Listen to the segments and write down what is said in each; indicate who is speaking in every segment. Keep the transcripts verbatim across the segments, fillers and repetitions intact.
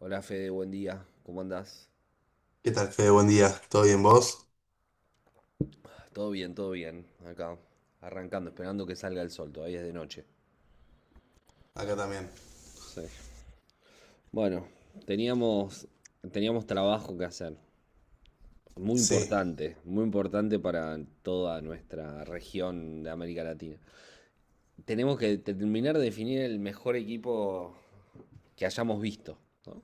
Speaker 1: Hola Fede, buen día, ¿cómo andás?
Speaker 2: ¿Qué tal, Fede? Buen día. ¿Todo bien vos?
Speaker 1: Todo bien, todo bien, acá, arrancando, esperando que salga el sol, todavía es de noche.
Speaker 2: Acá también.
Speaker 1: Sí. Bueno, teníamos, teníamos trabajo que hacer, muy
Speaker 2: Sí,
Speaker 1: importante, muy importante para toda nuestra región de América Latina. Tenemos que terminar de definir el mejor equipo que hayamos visto, ¿no?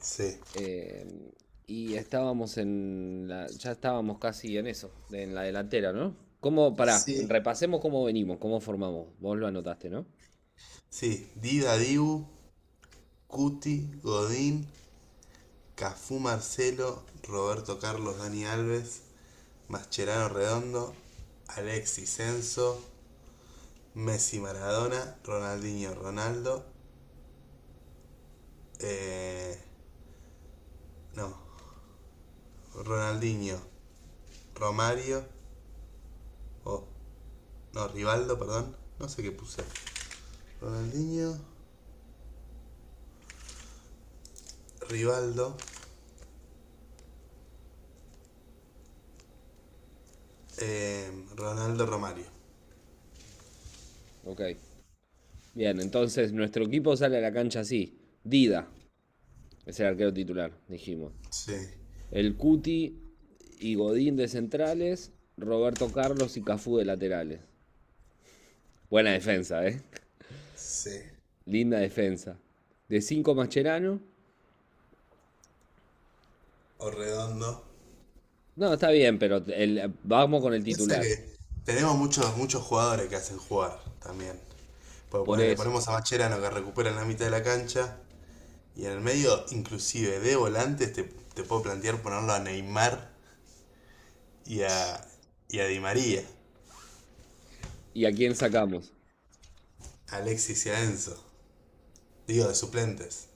Speaker 2: sí.
Speaker 1: Eh, y estábamos en la, ya estábamos casi en eso, de- en la delantera, ¿no? ¿Cómo, pará,
Speaker 2: Sí.
Speaker 1: repasemos cómo venimos, cómo formamos? Vos lo anotaste, ¿no?
Speaker 2: Sí. Dida Dibu, Cuti, Godín, Cafú Marcelo, Roberto Carlos, Dani Alves, Mascherano Redondo, Alexis Senso, Messi Maradona, Ronaldinho Ronaldo, eh, no, Ronaldinho Romario, o no, Rivaldo, perdón, no sé qué puse. Ronaldinho, Rivaldo, eh, Ronaldo Romario.
Speaker 1: Ok. Bien, entonces nuestro equipo sale a la cancha así. Dida es el arquero titular, dijimos.
Speaker 2: Sí,
Speaker 1: El Cuti y Godín de centrales, Roberto Carlos y Cafú de laterales. Buena defensa, ¿eh?
Speaker 2: sí.
Speaker 1: Linda defensa. De cinco Mascherano.
Speaker 2: O redondo.
Speaker 1: No, está bien, pero el- vamos con el
Speaker 2: Piensa
Speaker 1: titular.
Speaker 2: que tenemos muchos, muchos jugadores que hacen jugar también. Porque
Speaker 1: Por
Speaker 2: ponele, le
Speaker 1: eso.
Speaker 2: ponemos a Macherano que recupera en la mitad de la cancha. Y en el medio, inclusive de volantes, te, te puedo plantear ponerlo a Neymar y a, y a Di María,
Speaker 1: ¿Y a quién sacamos?
Speaker 2: a Alexis y a Enzo. Digo, de suplentes.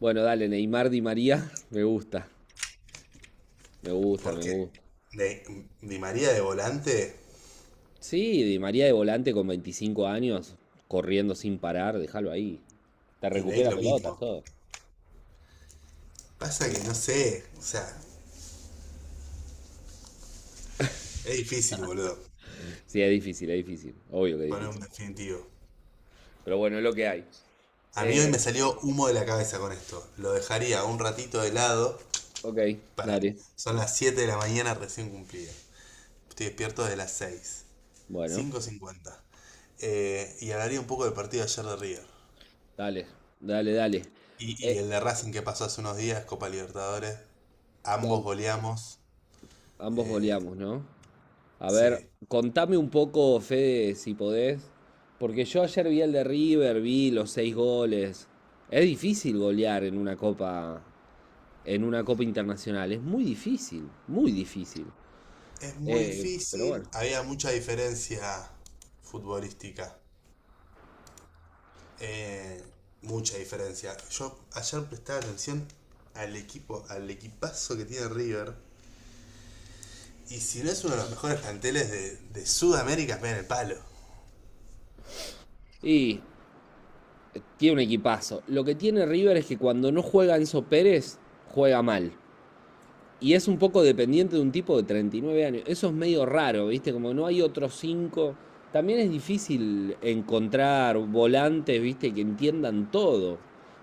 Speaker 1: Bueno, dale, Neymar Di María. Me gusta, me gusta, me
Speaker 2: Porque
Speaker 1: gusta.
Speaker 2: de- Di María de volante
Speaker 1: Sí, Di María de volante con veinticinco años, corriendo sin parar, déjalo ahí. Te
Speaker 2: y Ney
Speaker 1: recupera
Speaker 2: lo
Speaker 1: pelotas,
Speaker 2: mismo.
Speaker 1: todo.
Speaker 2: Pasa que no sé, o sea, es difícil, boludo,
Speaker 1: Sí, es difícil, es difícil. Obvio que es
Speaker 2: poner un
Speaker 1: difícil.
Speaker 2: definitivo.
Speaker 1: Pero bueno, es lo que hay.
Speaker 2: A mí hoy me
Speaker 1: Eh,
Speaker 2: salió humo de la cabeza con esto. Lo dejaría un ratito de lado
Speaker 1: ok,
Speaker 2: para...
Speaker 1: dale.
Speaker 2: Son las siete de la mañana recién cumplida. Estoy despierto desde las seis.
Speaker 1: Bueno,
Speaker 2: cinco y cincuenta. Eh, y hablaría un poco del partido de ayer de River.
Speaker 1: dale, dale, dale.
Speaker 2: Y, y
Speaker 1: Eh,
Speaker 2: el de Racing que pasó hace unos días, Copa Libertadores. Ambos
Speaker 1: Dale.
Speaker 2: goleamos.
Speaker 1: Ambos
Speaker 2: Eh,
Speaker 1: goleamos, ¿no? A
Speaker 2: sí.
Speaker 1: ver, contame un poco, Fede, si podés, porque yo ayer vi el de River, vi los seis goles. Es difícil golear en una copa, en una copa internacional. Es muy difícil, muy difícil.
Speaker 2: Es muy
Speaker 1: Eh, pero
Speaker 2: difícil.
Speaker 1: bueno.
Speaker 2: Había mucha diferencia futbolística. Eh, Mucha diferencia. Yo ayer prestaba atención al equipo, al equipazo que tiene River. Y si no es uno de los mejores planteles de, de Sudamérica, me en el palo.
Speaker 1: Y tiene un equipazo. Lo que tiene River es que cuando no juega Enzo Pérez, juega mal. Y es un poco dependiente de un tipo de treinta y nueve años. Eso es medio raro, ¿viste? Como no hay otros cinco. También es difícil encontrar volantes, ¿viste? Que entiendan todo.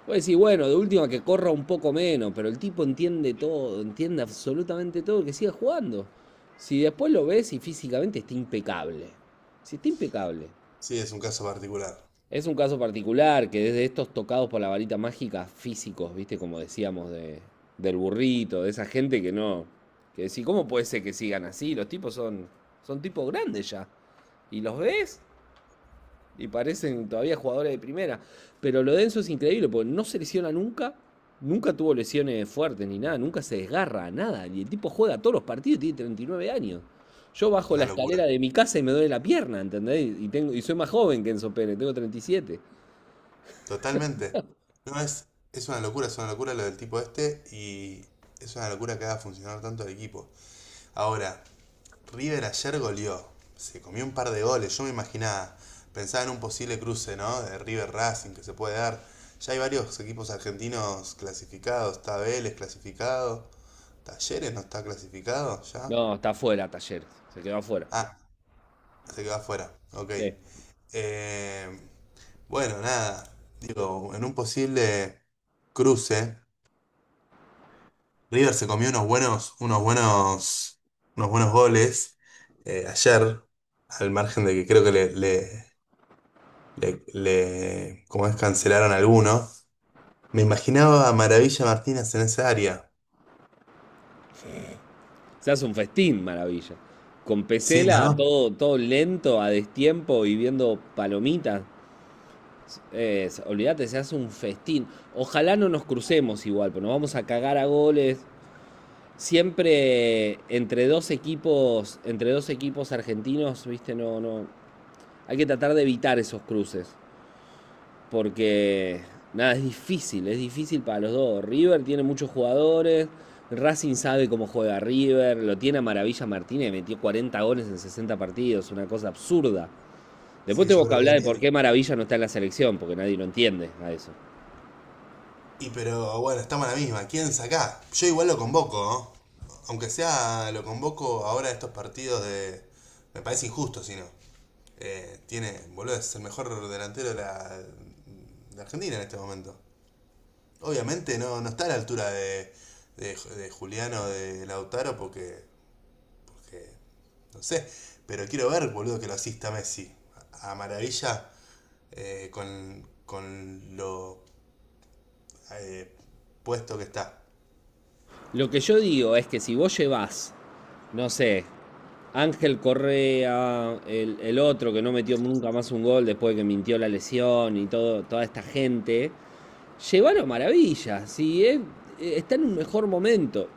Speaker 1: Puedes decir, bueno, de última que corra un poco menos, pero el tipo entiende todo, entiende absolutamente todo, que siga jugando. Si después lo ves y físicamente está impecable. Si está impecable.
Speaker 2: Sí, es un caso particular.
Speaker 1: Es un caso particular que desde estos tocados por la varita mágica físicos, viste, como decíamos, de, del burrito, de esa gente que no. Que decís, ¿cómo puede ser que sigan así? Los tipos son, son tipos grandes ya. Y los ves y parecen todavía jugadores de primera. Pero lo denso es increíble porque no se lesiona nunca. Nunca tuvo lesiones fuertes ni nada, nunca se desgarra nada. Y el tipo juega todos los partidos, y tiene treinta y nueve años. Yo bajo la
Speaker 2: Una locura.
Speaker 1: escalera de mi casa y me duele la pierna, ¿entendés? Y, tengo, y soy más joven que Enzo Pérez, tengo treinta y siete.
Speaker 2: Totalmente. No es. Es una locura, es una locura lo del tipo este. Y es una locura que haga funcionar tanto el equipo. Ahora, River ayer goleó. Se comió un par de goles. Yo me imaginaba, pensaba en un posible cruce, ¿no? De River Racing que se puede dar. Ya hay varios equipos argentinos clasificados. Está Vélez clasificado. Talleres no está clasificado ya.
Speaker 1: No, está fuera. Talleres. Se quedó afuera.
Speaker 2: Ah, se quedó afuera. Ok.
Speaker 1: Sí.
Speaker 2: Eh, bueno, nada. Digo, en un posible cruce, River se comió unos buenos, unos buenos, unos buenos goles eh, ayer, al margen de que creo que le, le- le, le- ¿cómo es? Cancelaron alguno. Me imaginaba a Maravilla Martínez en esa área.
Speaker 1: Se hace un festín, maravilla. Con
Speaker 2: Sí,
Speaker 1: Pesela,
Speaker 2: ¿no?
Speaker 1: todo, todo lento, a destiempo y viendo palomitas. Es- olvídate, se hace un festín. Ojalá no nos crucemos igual, pero nos vamos a cagar a goles. Siempre entre dos equipos, entre dos equipos argentinos, viste, no, no. Hay que tratar de evitar esos cruces. Porque nada, es difícil, es difícil para los dos. River tiene muchos jugadores, Racing sabe cómo juega River, lo tiene a Maravilla Martínez, metió cuarenta goles en sesenta partidos, una cosa absurda. Después
Speaker 2: Sí, yo
Speaker 1: tengo que
Speaker 2: creo que hoy
Speaker 1: hablar de por
Speaker 2: día.
Speaker 1: qué Maravilla no está en la selección, porque nadie lo entiende a eso.
Speaker 2: Y pero bueno, estamos a la misma. ¿Quién saca? Yo igual lo convoco, ¿no? Aunque sea, lo convoco ahora a estos partidos de. Me parece injusto, si no. Eh, tiene, boludo, es el mejor delantero de la, de Argentina en este momento. Obviamente no, no está a la altura de, de, de Juliano, de Lautaro, porque que no sé, pero quiero ver, boludo, que lo asista Messi. A maravilla eh, con, con lo eh, puesto que está.
Speaker 1: Lo que yo digo es que si vos llevas, no sé, Ángel Correa, el, el otro que no metió nunca más un gol después de que mintió la lesión y todo, toda esta gente, llévalo a maravilla, si es- está en un mejor momento.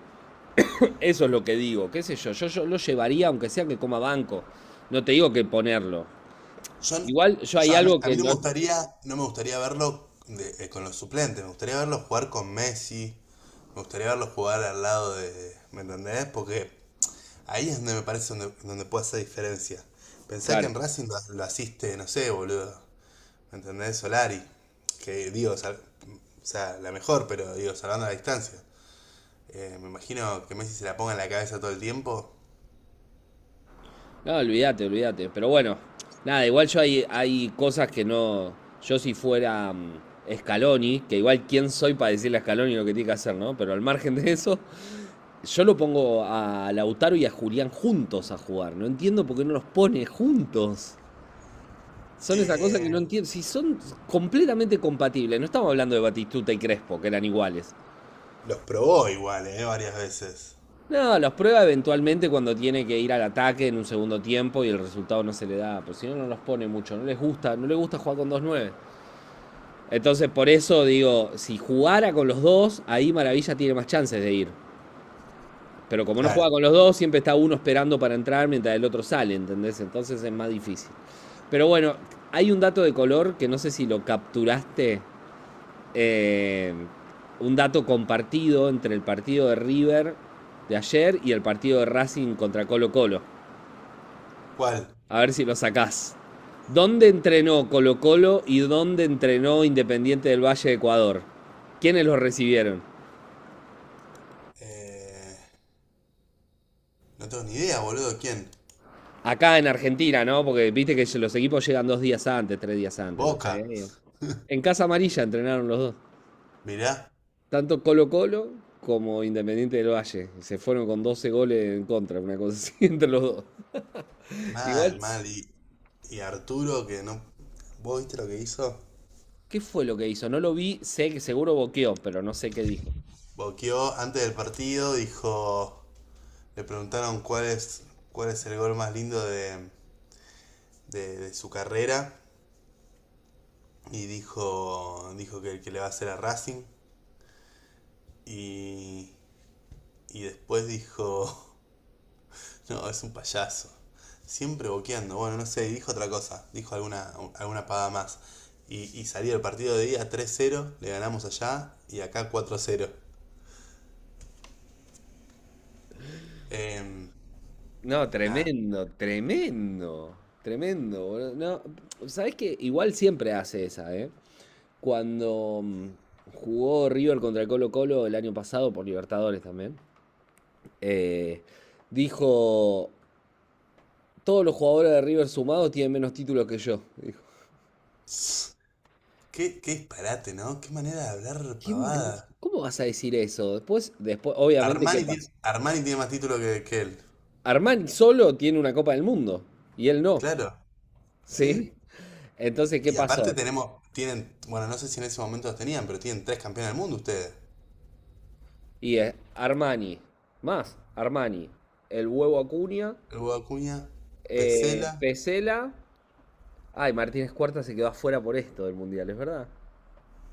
Speaker 1: Eso es lo que digo, qué sé yo, yo, yo lo llevaría aunque sea que coma banco, no te digo que ponerlo.
Speaker 2: Yo, no-
Speaker 1: Igual yo
Speaker 2: Yo
Speaker 1: hay
Speaker 2: a, mí,
Speaker 1: algo
Speaker 2: a mí
Speaker 1: que
Speaker 2: no
Speaker 1: no,
Speaker 2: me gustaría, no me gustaría verlo de- eh, con los suplentes, me gustaría verlo jugar con Messi, me gustaría verlo jugar al lado de. ¿Me entendés? Porque ahí es donde me parece donde, donde puede hacer diferencia. Pensá que
Speaker 1: claro,
Speaker 2: en Racing lo, lo asiste, no sé, boludo. ¿Me entendés? Solari, que digo, sal- o sea, la mejor, pero digo, salvando la distancia. Eh, me imagino que Messi se la ponga en la cabeza todo el tiempo.
Speaker 1: no, olvídate, olvídate, pero bueno, nada, igual yo hay, hay cosas que no, yo si fuera mm, Scaloni, que igual quién soy para decirle a Scaloni lo que tiene que hacer, ¿no? Pero al margen de eso, yo lo pongo a Lautaro y a Julián juntos a jugar, no entiendo por qué no los pone juntos. Son esa cosa que
Speaker 2: Eh,
Speaker 1: no entiendo. Si son completamente compatibles, no estamos hablando de Batistuta y Crespo, que eran iguales.
Speaker 2: los probó igual, eh, varias veces.
Speaker 1: No, los prueba eventualmente cuando tiene que ir al ataque en un segundo tiempo y el resultado no se le da. Pero si no, no los pone mucho. No les gusta, no les gusta jugar con dos nueves. Entonces, por eso digo, si jugara con los dos, ahí Maravilla tiene más chances de ir. Pero como no juega
Speaker 2: Claro.
Speaker 1: con los dos, siempre está uno esperando para entrar mientras el otro sale, ¿entendés? Entonces es más difícil. Pero bueno, hay un dato de color que no sé si lo capturaste, eh, un dato compartido entre el partido de River de ayer y el partido de Racing contra Colo Colo.
Speaker 2: ¿Cuál?
Speaker 1: A ver si lo sacás. ¿Dónde entrenó Colo Colo y dónde entrenó Independiente del Valle de Ecuador? ¿Quiénes los recibieron?
Speaker 2: Eh, no tengo ni idea, boludo. ¿Quién?
Speaker 1: Acá en Argentina, ¿no? Porque viste que los equipos llegan dos días antes, tres días antes, no
Speaker 2: Boca.
Speaker 1: sé. En Casa Amarilla entrenaron los dos.
Speaker 2: Mirá.
Speaker 1: Tanto Colo Colo como Independiente del Valle. Se fueron con doce goles en contra, una cosa así entre los dos. Igual,
Speaker 2: Mal, mal. Y, y Arturo, que no... ¿Vos viste lo que hizo?
Speaker 1: ¿qué fue lo que hizo? No lo vi, sé que seguro boqueó, pero no sé qué dijo.
Speaker 2: Boqueó antes del partido, dijo... Le preguntaron cuál es, cuál es el gol más lindo de, de, de su carrera y dijo, dijo que, que le va a hacer a Racing y, y después dijo, no, es un payaso. Siempre boqueando, bueno, no sé, dijo otra cosa, dijo alguna, alguna paga más. Y, y salía el partido de día tres cero le ganamos allá y acá cuatro cero. Em,
Speaker 1: No,
Speaker 2: Nada.
Speaker 1: tremendo, tremendo, tremendo, boludo. No, ¿sabés qué? Igual siempre hace esa, ¿eh? Cuando mm, jugó River contra el Colo Colo el año pasado por Libertadores también, eh, dijo, todos los jugadores de River sumados tienen menos títulos que yo. Dijo,
Speaker 2: Qué, qué disparate, ¿no? Qué manera de hablar
Speaker 1: "¿Qué mani-
Speaker 2: pavada.
Speaker 1: ¿Cómo vas a decir eso?" Después, después, obviamente, ¿qué
Speaker 2: Armani
Speaker 1: pasa?
Speaker 2: tiene, Armani tiene más título que, que él.
Speaker 1: Armani solo tiene una Copa del Mundo y él no,
Speaker 2: Claro, sí.
Speaker 1: ¿sí? Entonces, ¿qué
Speaker 2: Y aparte
Speaker 1: pasó?
Speaker 2: tenemos, tienen, bueno, no sé si en ese momento los tenían, pero tienen tres campeones del mundo ustedes.
Speaker 1: Y es Armani, más Armani, el huevo Acuña,
Speaker 2: El Hugo Acuña,
Speaker 1: eh,
Speaker 2: Pesela,
Speaker 1: Pesela. Ay, Martínez Cuarta se quedó afuera por esto del mundial, es verdad.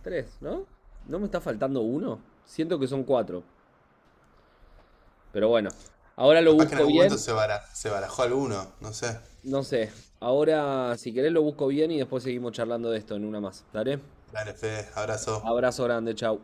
Speaker 1: Tres, ¿no? ¿No me está faltando uno? Siento que son cuatro. Pero bueno, ahora lo
Speaker 2: capaz que en
Speaker 1: busco
Speaker 2: algún momento
Speaker 1: bien.
Speaker 2: se, bara- se barajó alguno, no sé.
Speaker 1: No sé, ahora si querés lo busco bien y después seguimos charlando de esto en una más. ¿Dale?
Speaker 2: Dale, Fede, abrazo.
Speaker 1: Abrazo grande, chau.